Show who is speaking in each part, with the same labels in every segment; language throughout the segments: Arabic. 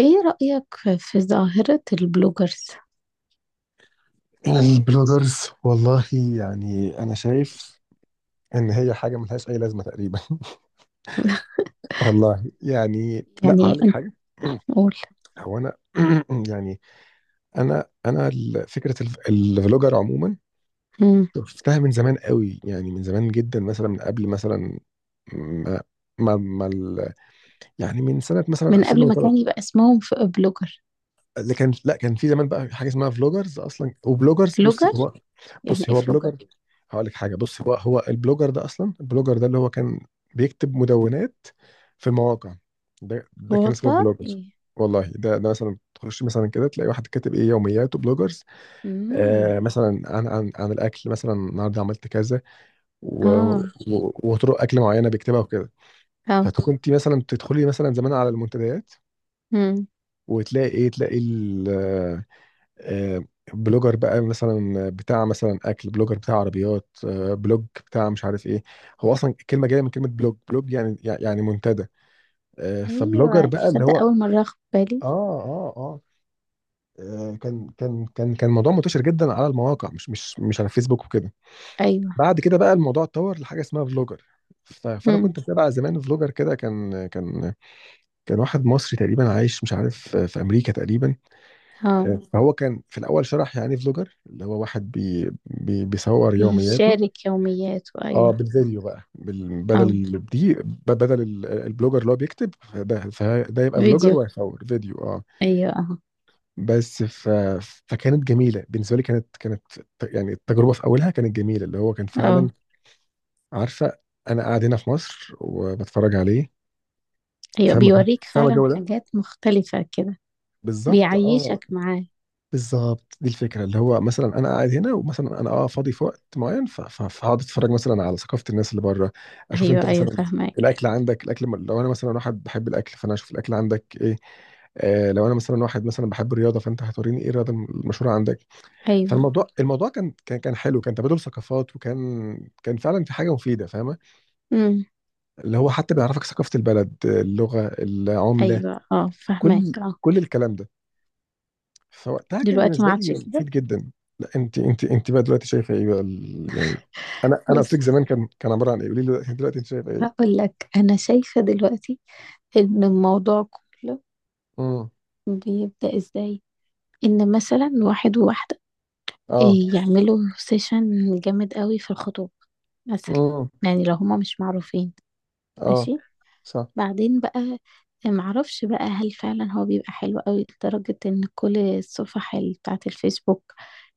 Speaker 1: ايه رأيك في ظاهرة البلوجرز؟
Speaker 2: البلوجرز والله، يعني انا شايف ان هي حاجه ملهاش اي لازمه تقريبا. والله يعني، لا
Speaker 1: يعني
Speaker 2: هقول لك
Speaker 1: انت
Speaker 2: حاجه.
Speaker 1: قول.
Speaker 2: هو انا يعني، انا الفلوجر عموما
Speaker 1: مم.
Speaker 2: شفتها من زمان قوي، يعني من زمان جدا، مثلا من قبل مثلا ما ما, ما ال- يعني من سنه مثلا
Speaker 1: من قبل ما
Speaker 2: 2003.
Speaker 1: كان يبقى اسمهم بلوجر.
Speaker 2: اللي كان، لا كان في زمان بقى حاجه اسمها فلوجرز اصلا، وبلوجرز. بصي
Speaker 1: بلوجر
Speaker 2: هو،
Speaker 1: يعني ايه بلوجر؟
Speaker 2: بلوجر. هقول لك حاجه، بصي هو البلوجر ده اصلا، البلوجر ده اللي هو كان بيكتب مدونات في المواقع. ده كان اسمه
Speaker 1: والله
Speaker 2: بلوجر.
Speaker 1: ايه.
Speaker 2: والله ده مثلا تخش مثلا كده تلاقي واحد كاتب ايه؟ يومياته، بلوجرز.
Speaker 1: امم.
Speaker 2: آه، مثلا عن الاكل، مثلا النهارده عملت كذا و-
Speaker 1: اه
Speaker 2: وطرق اكل معينه بيكتبها وكده.
Speaker 1: اه.
Speaker 2: فكنت مثلا تدخلي مثلا زمان على المنتديات
Speaker 1: مم.
Speaker 2: وتلاقي ايه؟ تلاقي آه، بلوجر بقى مثلا بتاع مثلا اكل، بلوجر بتاع عربيات، بلوج بتاع مش عارف ايه. هو اصلا الكلمه جايه من كلمه بلوج. بلوج يعني، منتدى. فبلوجر
Speaker 1: ايوه،
Speaker 2: بقى منتشر اللي
Speaker 1: تصدق
Speaker 2: هو.
Speaker 1: اول مرة اخد بالي.
Speaker 2: اه، اه، اه، آه. كان موضوع منتشر جدا على المواقع، مش على الفيسبوك وكده.
Speaker 1: ايوه.
Speaker 2: بعد كده بقى الموضوع اتطور لحاجه اسمها فلوجر. فانا
Speaker 1: مم.
Speaker 2: كنت متابع زمان فلوجر كده، كان واحد مصري تقريبا عايش، مش عارف في امريكا تقريبا.
Speaker 1: اه،
Speaker 2: فهو كان في الاول شرح يعني ايه فلوجر، اللي هو واحد بي بي بيصور يومياته.
Speaker 1: بيشارك يومياته،
Speaker 2: اه،
Speaker 1: ايوه.
Speaker 2: بالفيديو بقى، بال- بدل
Speaker 1: اه،
Speaker 2: ال- دي ب- بدل ال- البلوجر اللي هو بيكتب، فده يبقى فلوجر
Speaker 1: فيديو،
Speaker 2: ويصور فيديو، اه.
Speaker 1: ايوه، اه
Speaker 2: بس فكانت جميله بالنسبه لي. كانت، يعني التجربه في اولها كانت جميله، اللي هو كان فعلا،
Speaker 1: اه.
Speaker 2: عارفه، انا قاعد هنا في مصر وبتفرج عليه.
Speaker 1: ايوه،
Speaker 2: فاهمه؟
Speaker 1: بيوريك
Speaker 2: فاهمه
Speaker 1: فعلا
Speaker 2: الجو ده،
Speaker 1: حاجات مختلفة كده،
Speaker 2: بالظبط، اه.
Speaker 1: بيعيشك معاه.
Speaker 2: بالظبط دي الفكره، اللي هو مثلا انا قاعد هنا، ومثلا انا فاضي في وقت معين، فهقعد اتفرج مثلا على ثقافه الناس اللي بره، اشوف انت
Speaker 1: ايوه ايوه،
Speaker 2: مثلا
Speaker 1: فاهمك.
Speaker 2: الاكل عندك، الاكل. لو انا مثلا واحد بحب الاكل، فانا اشوف الاكل عندك ايه. آه، لو انا مثلا واحد مثلا بحب الرياضه، فانت هتوريني ايه الرياضه المشهوره عندك.
Speaker 1: ايوه.
Speaker 2: فالموضوع، الموضوع كان حلو، كان تبادل ثقافات، وكان كان فعلا في حاجه مفيده، فاهمه،
Speaker 1: امم.
Speaker 2: اللي هو حتى بيعرفك ثقافه البلد، اللغه، العمله،
Speaker 1: ايوه، اه، فاهمك.
Speaker 2: كل كل الكلام ده. فوقتها كان
Speaker 1: دلوقتي ما
Speaker 2: بالنسبه لي
Speaker 1: عادش كده.
Speaker 2: مفيد جدا. لا انت، انت بقى دلوقتي شايفه ايه بقى؟ يعني، انا قلت لك
Speaker 1: بس
Speaker 2: زمان كان، كان عباره عن ايه، قولي لي دلوقتي انت شايفه ايه؟
Speaker 1: هقول لك انا شايفه دلوقتي ان الموضوع كله
Speaker 2: امم.
Speaker 1: بيبدا ازاي. ان مثلا واحد وواحده،
Speaker 2: اه.
Speaker 1: يعملوا سيشن جامد قوي في الخطوبه مثلا.
Speaker 2: امم.
Speaker 1: يعني لو هما مش معروفين،
Speaker 2: اه.
Speaker 1: ماشي.
Speaker 2: صح.
Speaker 1: بعدين بقى، معرفش بقى هل فعلا هو بيبقى حلو قوي لدرجة ان كل الصفح بتاعة الفيسبوك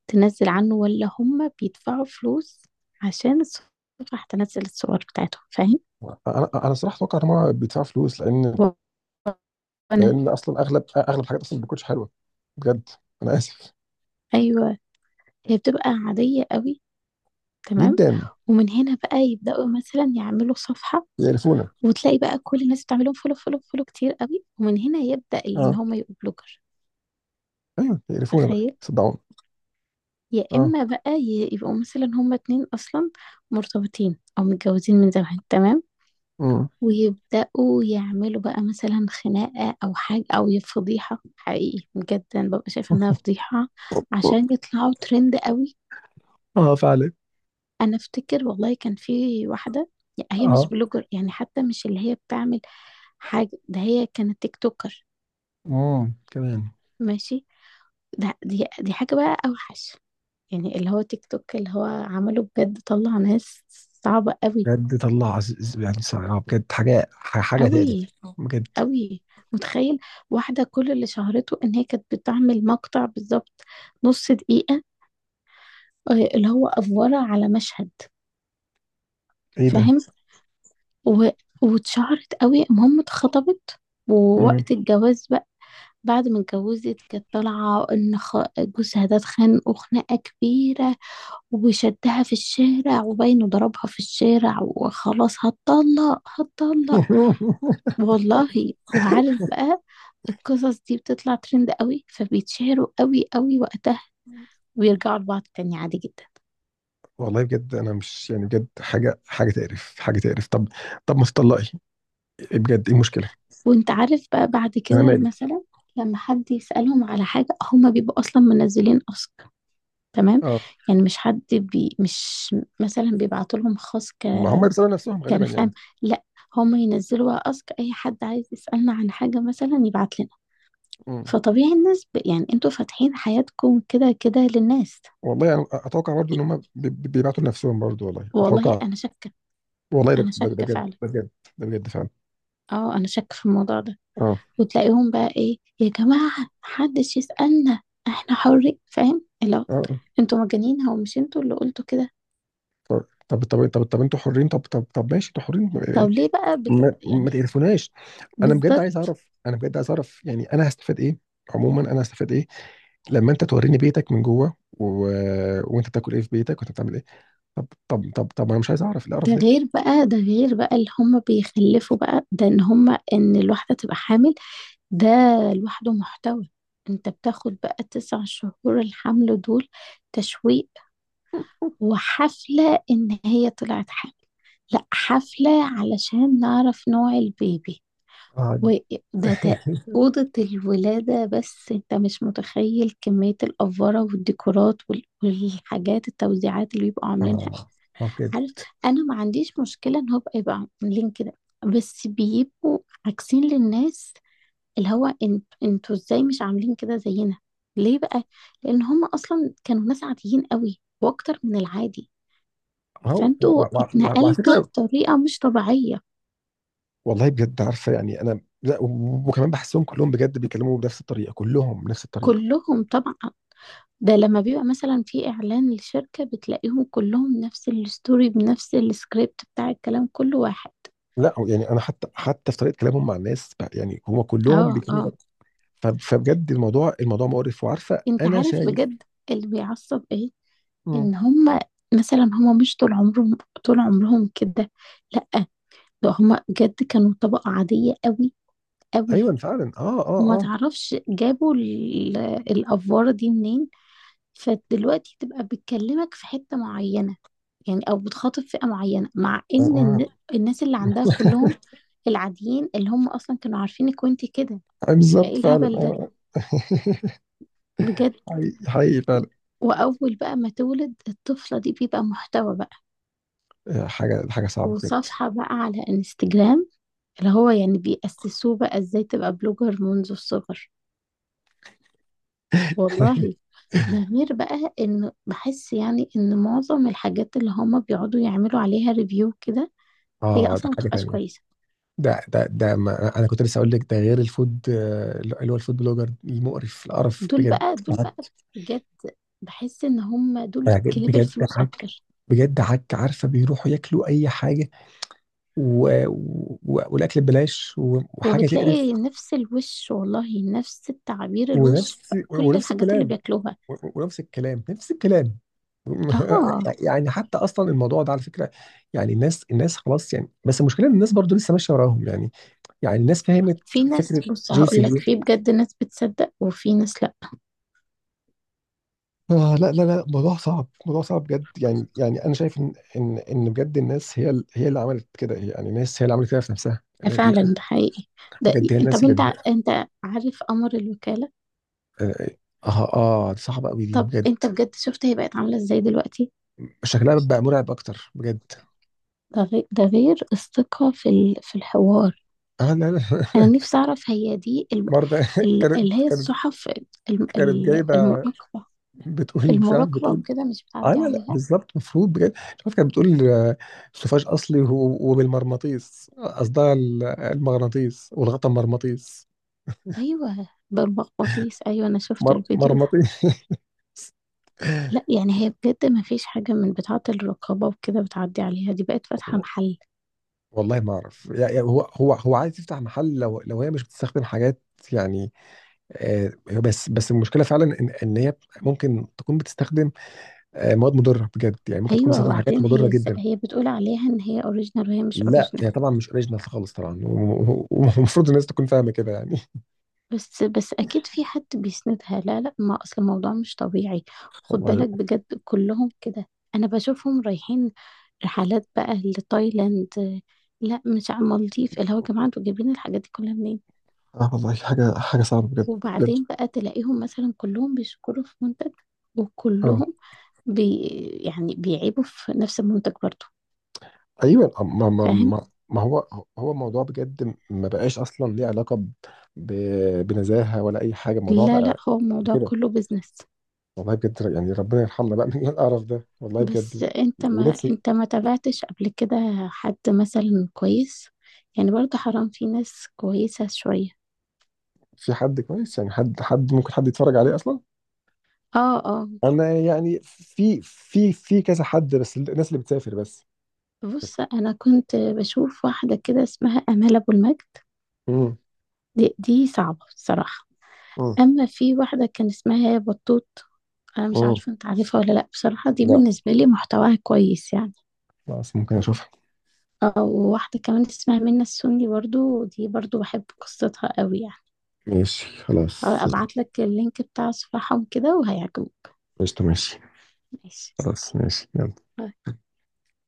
Speaker 1: تنزل عنه، ولا هما بيدفعوا فلوس عشان الصفح تنزل الصور بتاعتهم.
Speaker 2: انا صراحه اتوقع ان هو بيدفع فلوس، لان
Speaker 1: فاهم. انا
Speaker 2: اصلا اغلب الحاجات اصلا ما بتكونش حلوه بجد، انا اسف.
Speaker 1: ايوه، هي بتبقى عاديه قوي، تمام.
Speaker 2: جدا.
Speaker 1: ومن هنا بقى يبداوا مثلا يعملوا صفحه،
Speaker 2: يقرفونا.
Speaker 1: وتلاقي بقى كل الناس بتعملهم فولو فولو فولو كتير قوي، ومن هنا يبدا ان
Speaker 2: اه،
Speaker 1: هم يبقوا بلوجر.
Speaker 2: ايوه يقرفونا بقى،
Speaker 1: تخيل.
Speaker 2: صدعونا.
Speaker 1: يا
Speaker 2: اه.
Speaker 1: اما بقى يبقوا مثلا هما اتنين اصلا مرتبطين او متجوزين من زمان، تمام.
Speaker 2: امم.
Speaker 1: ويبداوا يعملوا بقى مثلا خناقه او حاجه او فضيحه. حقيقي بجد انا ببقى شايفه انها فضيحه عشان يطلعوا ترند قوي.
Speaker 2: اه فعلا.
Speaker 1: انا افتكر والله كان في واحده، هي مش
Speaker 2: اه.
Speaker 1: بلوجر يعني، حتى مش اللي هي بتعمل حاجه، ده هي كانت تيك توكر.
Speaker 2: كمان.
Speaker 1: ماشي، ده دي دي حاجه بقى اوحش، يعني اللي هو تيك توك اللي هو عمله بجد طلع ناس صعبه قوي.
Speaker 2: بجد طلع يعني صعب بجد، حاجة حاجة تقلب
Speaker 1: قوي.
Speaker 2: بجد.
Speaker 1: قوي. متخيل، واحده كل اللي شهرته ان هي كانت بتعمل مقطع بالظبط نص دقيقه، اللي هو افوره على مشهد.
Speaker 2: ايه ده؟
Speaker 1: فاهم. و... واتشهرت قوي، المهم اتخطبت.
Speaker 2: مم.
Speaker 1: ووقت الجواز بقى، بعد ما اتجوزت كانت طالعة إن جوزها ده اتخانقوا خناقة كبيرة وشدها في الشارع، وباينه ضربها في الشارع، وخلاص هتطلق هتطلق. والله. وعارف بقى القصص دي بتطلع ترند قوي، فبيتشهروا قوي قوي وقتها، ويرجعوا لبعض تاني عادي جدا.
Speaker 2: والله بجد انا مش يعني، بجد حاجة حاجة تقرف، حاجة تقرف. طب، طب ما تطلقي، إيه بجد ايه المشكلة؟
Speaker 1: وانت عارف بقى بعد
Speaker 2: انا
Speaker 1: كده
Speaker 2: مالي.
Speaker 1: مثلا لما حد يسألهم على حاجة هما بيبقوا أصلا منزلين أسك، تمام.
Speaker 2: اه.
Speaker 1: يعني مش حد مش مثلا بيبعتوا لهم خاص ك
Speaker 2: ما هم بيسألوا نفسهم غالبا
Speaker 1: كان
Speaker 2: يعني.
Speaker 1: خام. لا، هم ينزلوا بقى أسك، أي حد عايز يسألنا عن حاجة مثلا يبعت لنا.
Speaker 2: مم.
Speaker 1: فطبيعي الناس ب... يعني انتوا فاتحين حياتكم كده كده للناس.
Speaker 2: والله انا اتوقع برضو ان
Speaker 1: إيه،
Speaker 2: هم بيبعتوا لنفسهم برضو، والله
Speaker 1: والله
Speaker 2: اتوقع.
Speaker 1: أنا شاكة.
Speaker 2: والله ده
Speaker 1: أنا
Speaker 2: ده ده
Speaker 1: شاكة
Speaker 2: بجد،
Speaker 1: فعلا.
Speaker 2: ده بجد. ده بجد فعلا.
Speaker 1: اه، أنا شاكة في الموضوع ده.
Speaker 2: اه.
Speaker 1: وتلاقيهم بقى إيه، يا جماعة محدش يسألنا احنا حرين، فاهم؟ لو
Speaker 2: اه. آه.
Speaker 1: انتوا مجانين، هو مش انتوا اللي قلتوا كده؟
Speaker 2: طب طب طب طب انتوا حرين، طب طب طب ماشي، انتوا حرين.
Speaker 1: طب ليه بقى بت...
Speaker 2: ما
Speaker 1: يعني.
Speaker 2: تقرفوناش. انا بجد عايز
Speaker 1: بالظبط.
Speaker 2: اعرف، انا بجد عايز اعرف يعني، انا هستفاد ايه. عموما انا هستفاد ايه لما انت توريني بيتك من جوه، و... وانت بتاكل ايه في بيتك، وانت بتعمل ايه. طب طب طب طب انا مش عايز اعرف القرف
Speaker 1: ده
Speaker 2: ده.
Speaker 1: غير بقى، ده غير بقى اللي هم بيخلفوا بقى، ده ان هم ان الواحدة تبقى حامل ده لوحده محتوى. انت بتاخد بقى تسع شهور الحمل دول تشويق، وحفلة ان هي طلعت حامل، لا حفلة علشان نعرف نوع البيبي،
Speaker 2: اه.
Speaker 1: وده تا- أوضة الولادة. بس انت مش متخيل كمية الأفورة والديكورات وال- والحاجات التوزيعات اللي بيبقوا عاملينها.
Speaker 2: اه. ما بجد.
Speaker 1: عارف، أنا ما عنديش مشكلة إن هو يبقى عاملين كده، بس بيبقوا عاكسين للناس اللي هو انت انتوا ازاي مش عاملين كده زينا؟ ليه بقى؟ لان هم اصلا كانوا ناس عاديين قوي، واكتر من العادي.
Speaker 2: ما هو
Speaker 1: فانتوا
Speaker 2: وعلى
Speaker 1: اتنقلتوا
Speaker 2: فكره،
Speaker 1: بطريقه مش طبيعيه.
Speaker 2: والله بجد، عارفه يعني انا، لا، وكمان بحسهم كلهم بجد بيتكلموا بنفس الطريقه، كلهم بنفس الطريقه.
Speaker 1: كلهم طبعا. ده لما بيبقى مثلا في اعلان لشركه بتلاقيهم كلهم نفس الستوري بنفس السكريبت بتاع الكلام، كل واحد.
Speaker 2: لا يعني انا حتى في طريقه كلامهم مع الناس بقى، يعني هم كلهم
Speaker 1: اه
Speaker 2: بيتكلموا.
Speaker 1: اه.
Speaker 2: فبجد الموضوع، مقرف. وعارفه
Speaker 1: انت
Speaker 2: انا
Speaker 1: عارف
Speaker 2: شايف.
Speaker 1: بجد اللي بيعصب ايه؟
Speaker 2: مم.
Speaker 1: ان هم مثلا هم مش طول عمرهم طول عمرهم كده، لا، ده هم بجد كانوا طبقه عاديه قوي. قوي.
Speaker 2: ايوه فعلا، اه،
Speaker 1: وما
Speaker 2: اه، اه.
Speaker 1: تعرفش جابوا الأفوارة دي منين. فدلوقتي تبقى بتكلمك في حتة معينة يعني، أو بتخاطب فئة معينة، مع إن
Speaker 2: آه.
Speaker 1: الناس اللي عندها كلهم العاديين اللي هم أصلا كانوا عارفينك وانت كده.
Speaker 2: آه. بالظبط
Speaker 1: فإيه
Speaker 2: فعلا،
Speaker 1: الهبل ده
Speaker 2: اه.
Speaker 1: بجد.
Speaker 2: حقيقي حقيقي فعلا.
Speaker 1: وأول بقى ما تولد الطفلة دي بيبقى محتوى بقى،
Speaker 2: آه، حاجه حاجه صعبه بجد.
Speaker 1: وصفحة بقى على انستجرام اللي هو يعني بيأسسوه بقى ازاي تبقى بلوجر منذ الصغر. والله. ده غير بقى ان بحس يعني ان معظم الحاجات اللي هما بيقعدوا يعملوا عليها ريفيو كده هي
Speaker 2: اه، ده
Speaker 1: اصلا ما
Speaker 2: حاجه
Speaker 1: بتبقاش
Speaker 2: تانية.
Speaker 1: كويسه.
Speaker 2: ده ما انا كنت لسه اقول لك، ده غير الفود، آه، اللي هو الفود بلوجر المقرف، القرف
Speaker 1: دول
Speaker 2: بجد.
Speaker 1: بقى دول
Speaker 2: عك.
Speaker 1: بقى بجد بحس ان هما دول كلاب
Speaker 2: بجد
Speaker 1: الفلوس
Speaker 2: عك.
Speaker 1: اكتر.
Speaker 2: بجد عك، عارفه بيروحوا ياكلوا اي حاجه، والاكل ببلاش، وحاجه تقرف.
Speaker 1: وبتلاقي نفس الوش والله، نفس التعابير الوش في كل
Speaker 2: ونفس
Speaker 1: الحاجات اللي
Speaker 2: الكلام،
Speaker 1: بياكلوها.
Speaker 2: ونفس الكلام، نفس الكلام.
Speaker 1: اه.
Speaker 2: يعني حتى اصلا الموضوع ده على فكره، يعني الناس، خلاص، يعني بس المشكله ان الناس برضو لسه ماشيه وراهم، يعني يعني الناس فهمت
Speaker 1: في ناس،
Speaker 2: فكره
Speaker 1: بص
Speaker 2: جوسي
Speaker 1: هقول لك،
Speaker 2: ليه.
Speaker 1: في بجد ناس بتصدق وفي ناس لا.
Speaker 2: آه، لا لا لا، موضوع صعب، موضوع صعب بجد، يعني انا شايف ان بجد الناس هي اللي عملت كده، يعني الناس هي اللي عملت كده في نفسها.
Speaker 1: ده فعلا ده حقيقي ده.
Speaker 2: بجد هي الناس
Speaker 1: طب
Speaker 2: اللي.
Speaker 1: انت، انت عارف امر الوكاله.
Speaker 2: اه. اه. آه، دي صعبه قوي، دي
Speaker 1: طب
Speaker 2: بجد.
Speaker 1: انت بجد شفت هي بقت عاملة ازاي دلوقتي؟
Speaker 2: شكلها بقى مرعب اكتر بجد.
Speaker 1: ده غير الثقة في ال... في الحوار.
Speaker 2: اه، لا لا.
Speaker 1: انا نفسي اعرف هي دي ال...
Speaker 2: برضه.
Speaker 1: ال... اللي
Speaker 2: كانت
Speaker 1: هي الصحف،
Speaker 2: جايبه،
Speaker 1: المراقبة.
Speaker 2: بتقول مش عارف،
Speaker 1: المراقبة
Speaker 2: بتقول.
Speaker 1: وكده مش
Speaker 2: اه
Speaker 1: بتعدي
Speaker 2: لا لا،
Speaker 1: عليها.
Speaker 2: بالظبط المفروض بجد. مش عارف كانت بتقول، آه، سوفاج اصلي وبالمغناطيس، قصدها المغناطيس، والغطا مرمطيس.
Speaker 1: ايوه، بالمغناطيس، ايوه انا شفت الفيديو ده.
Speaker 2: مرمطيس.
Speaker 1: لا يعني هي بجد ما فيش حاجة من بتاعة الرقابة وكده بتعدي عليها، دي بقت فاتحة محل.
Speaker 2: والله ما اعرف، يعني هو هو عايز يفتح محل، لو هي مش بتستخدم حاجات، يعني، آه، بس المشكله فعلا ان هي ممكن تكون بتستخدم، آه، مواد مضره بجد يعني، ممكن تكون
Speaker 1: ايوه،
Speaker 2: بتستخدم حاجات
Speaker 1: وبعدين
Speaker 2: مضره
Speaker 1: هي ازاي
Speaker 2: جدا.
Speaker 1: هي بتقول عليها ان هي اوريجينال وهي مش
Speaker 2: لا
Speaker 1: اوريجينال؟
Speaker 2: هي طبعا مش اوريجينال خالص طبعا، ومفروض الناس تكون فاهمه كده يعني.
Speaker 1: بس بس اكيد في حد بيسندها. لا لا، ما اصل الموضوع مش طبيعي. خد
Speaker 2: والله.
Speaker 1: بالك بجد كلهم كده، انا بشوفهم رايحين رحلات بقى لتايلاند، لا مش على المالديف، اللي هو يا جماعه انتوا جايبين الحاجات دي كلها منين؟
Speaker 2: اه والله حاجة حاجة صعبة بجد، بجد.
Speaker 1: وبعدين بقى تلاقيهم مثلا كلهم بيشكروا في منتج،
Speaker 2: اه.
Speaker 1: وكلهم بي يعني بيعيبوا في نفس المنتج برضه.
Speaker 2: ايوه. آه.
Speaker 1: فاهم.
Speaker 2: ما هو، موضوع بجد، ما بقاش اصلا ليه علاقه بنزاهه ولا اي حاجه، الموضوع
Speaker 1: لا لا،
Speaker 2: بقى
Speaker 1: هو الموضوع
Speaker 2: كده.
Speaker 1: كله بيزنس.
Speaker 2: والله بجد، يعني ربنا يرحمنا بقى من القرف ده، والله
Speaker 1: بس
Speaker 2: بجد.
Speaker 1: انت، ما
Speaker 2: ونفسي
Speaker 1: انت ما تابعتش قبل كده حد مثلا كويس؟ يعني برضه حرام، في ناس كويسة شوية.
Speaker 2: في حد كويس، يعني حد، ممكن حد يتفرج عليه اصلا.
Speaker 1: اه اه.
Speaker 2: انا يعني في كذا حد، بس الناس اللي بتسافر. بس. بس.
Speaker 1: بص، انا كنت بشوف واحدة كده اسمها امال ابو المجد،
Speaker 2: امم.
Speaker 1: دي صعبة بصراحة.
Speaker 2: امم.
Speaker 1: اما في واحدة كان اسمها بطوط، انا مش
Speaker 2: امم.
Speaker 1: عارفة انت عارفها ولا لا، بصراحة دي
Speaker 2: لا.
Speaker 1: بالنسبة لي محتواها كويس يعني.
Speaker 2: خلاص ممكن اشوفها.
Speaker 1: اه، وواحدة كمان اسمها منى السني، برضو دي برضو بحب قصتها قوي يعني.
Speaker 2: ماشي خلاص.
Speaker 1: ابعت لك اللينك بتاع صفحهم كده وهيعجبك.
Speaker 2: قشطة ماشي.
Speaker 1: ماشي.
Speaker 2: خلاص ماشي، يلا.
Speaker 1: آه،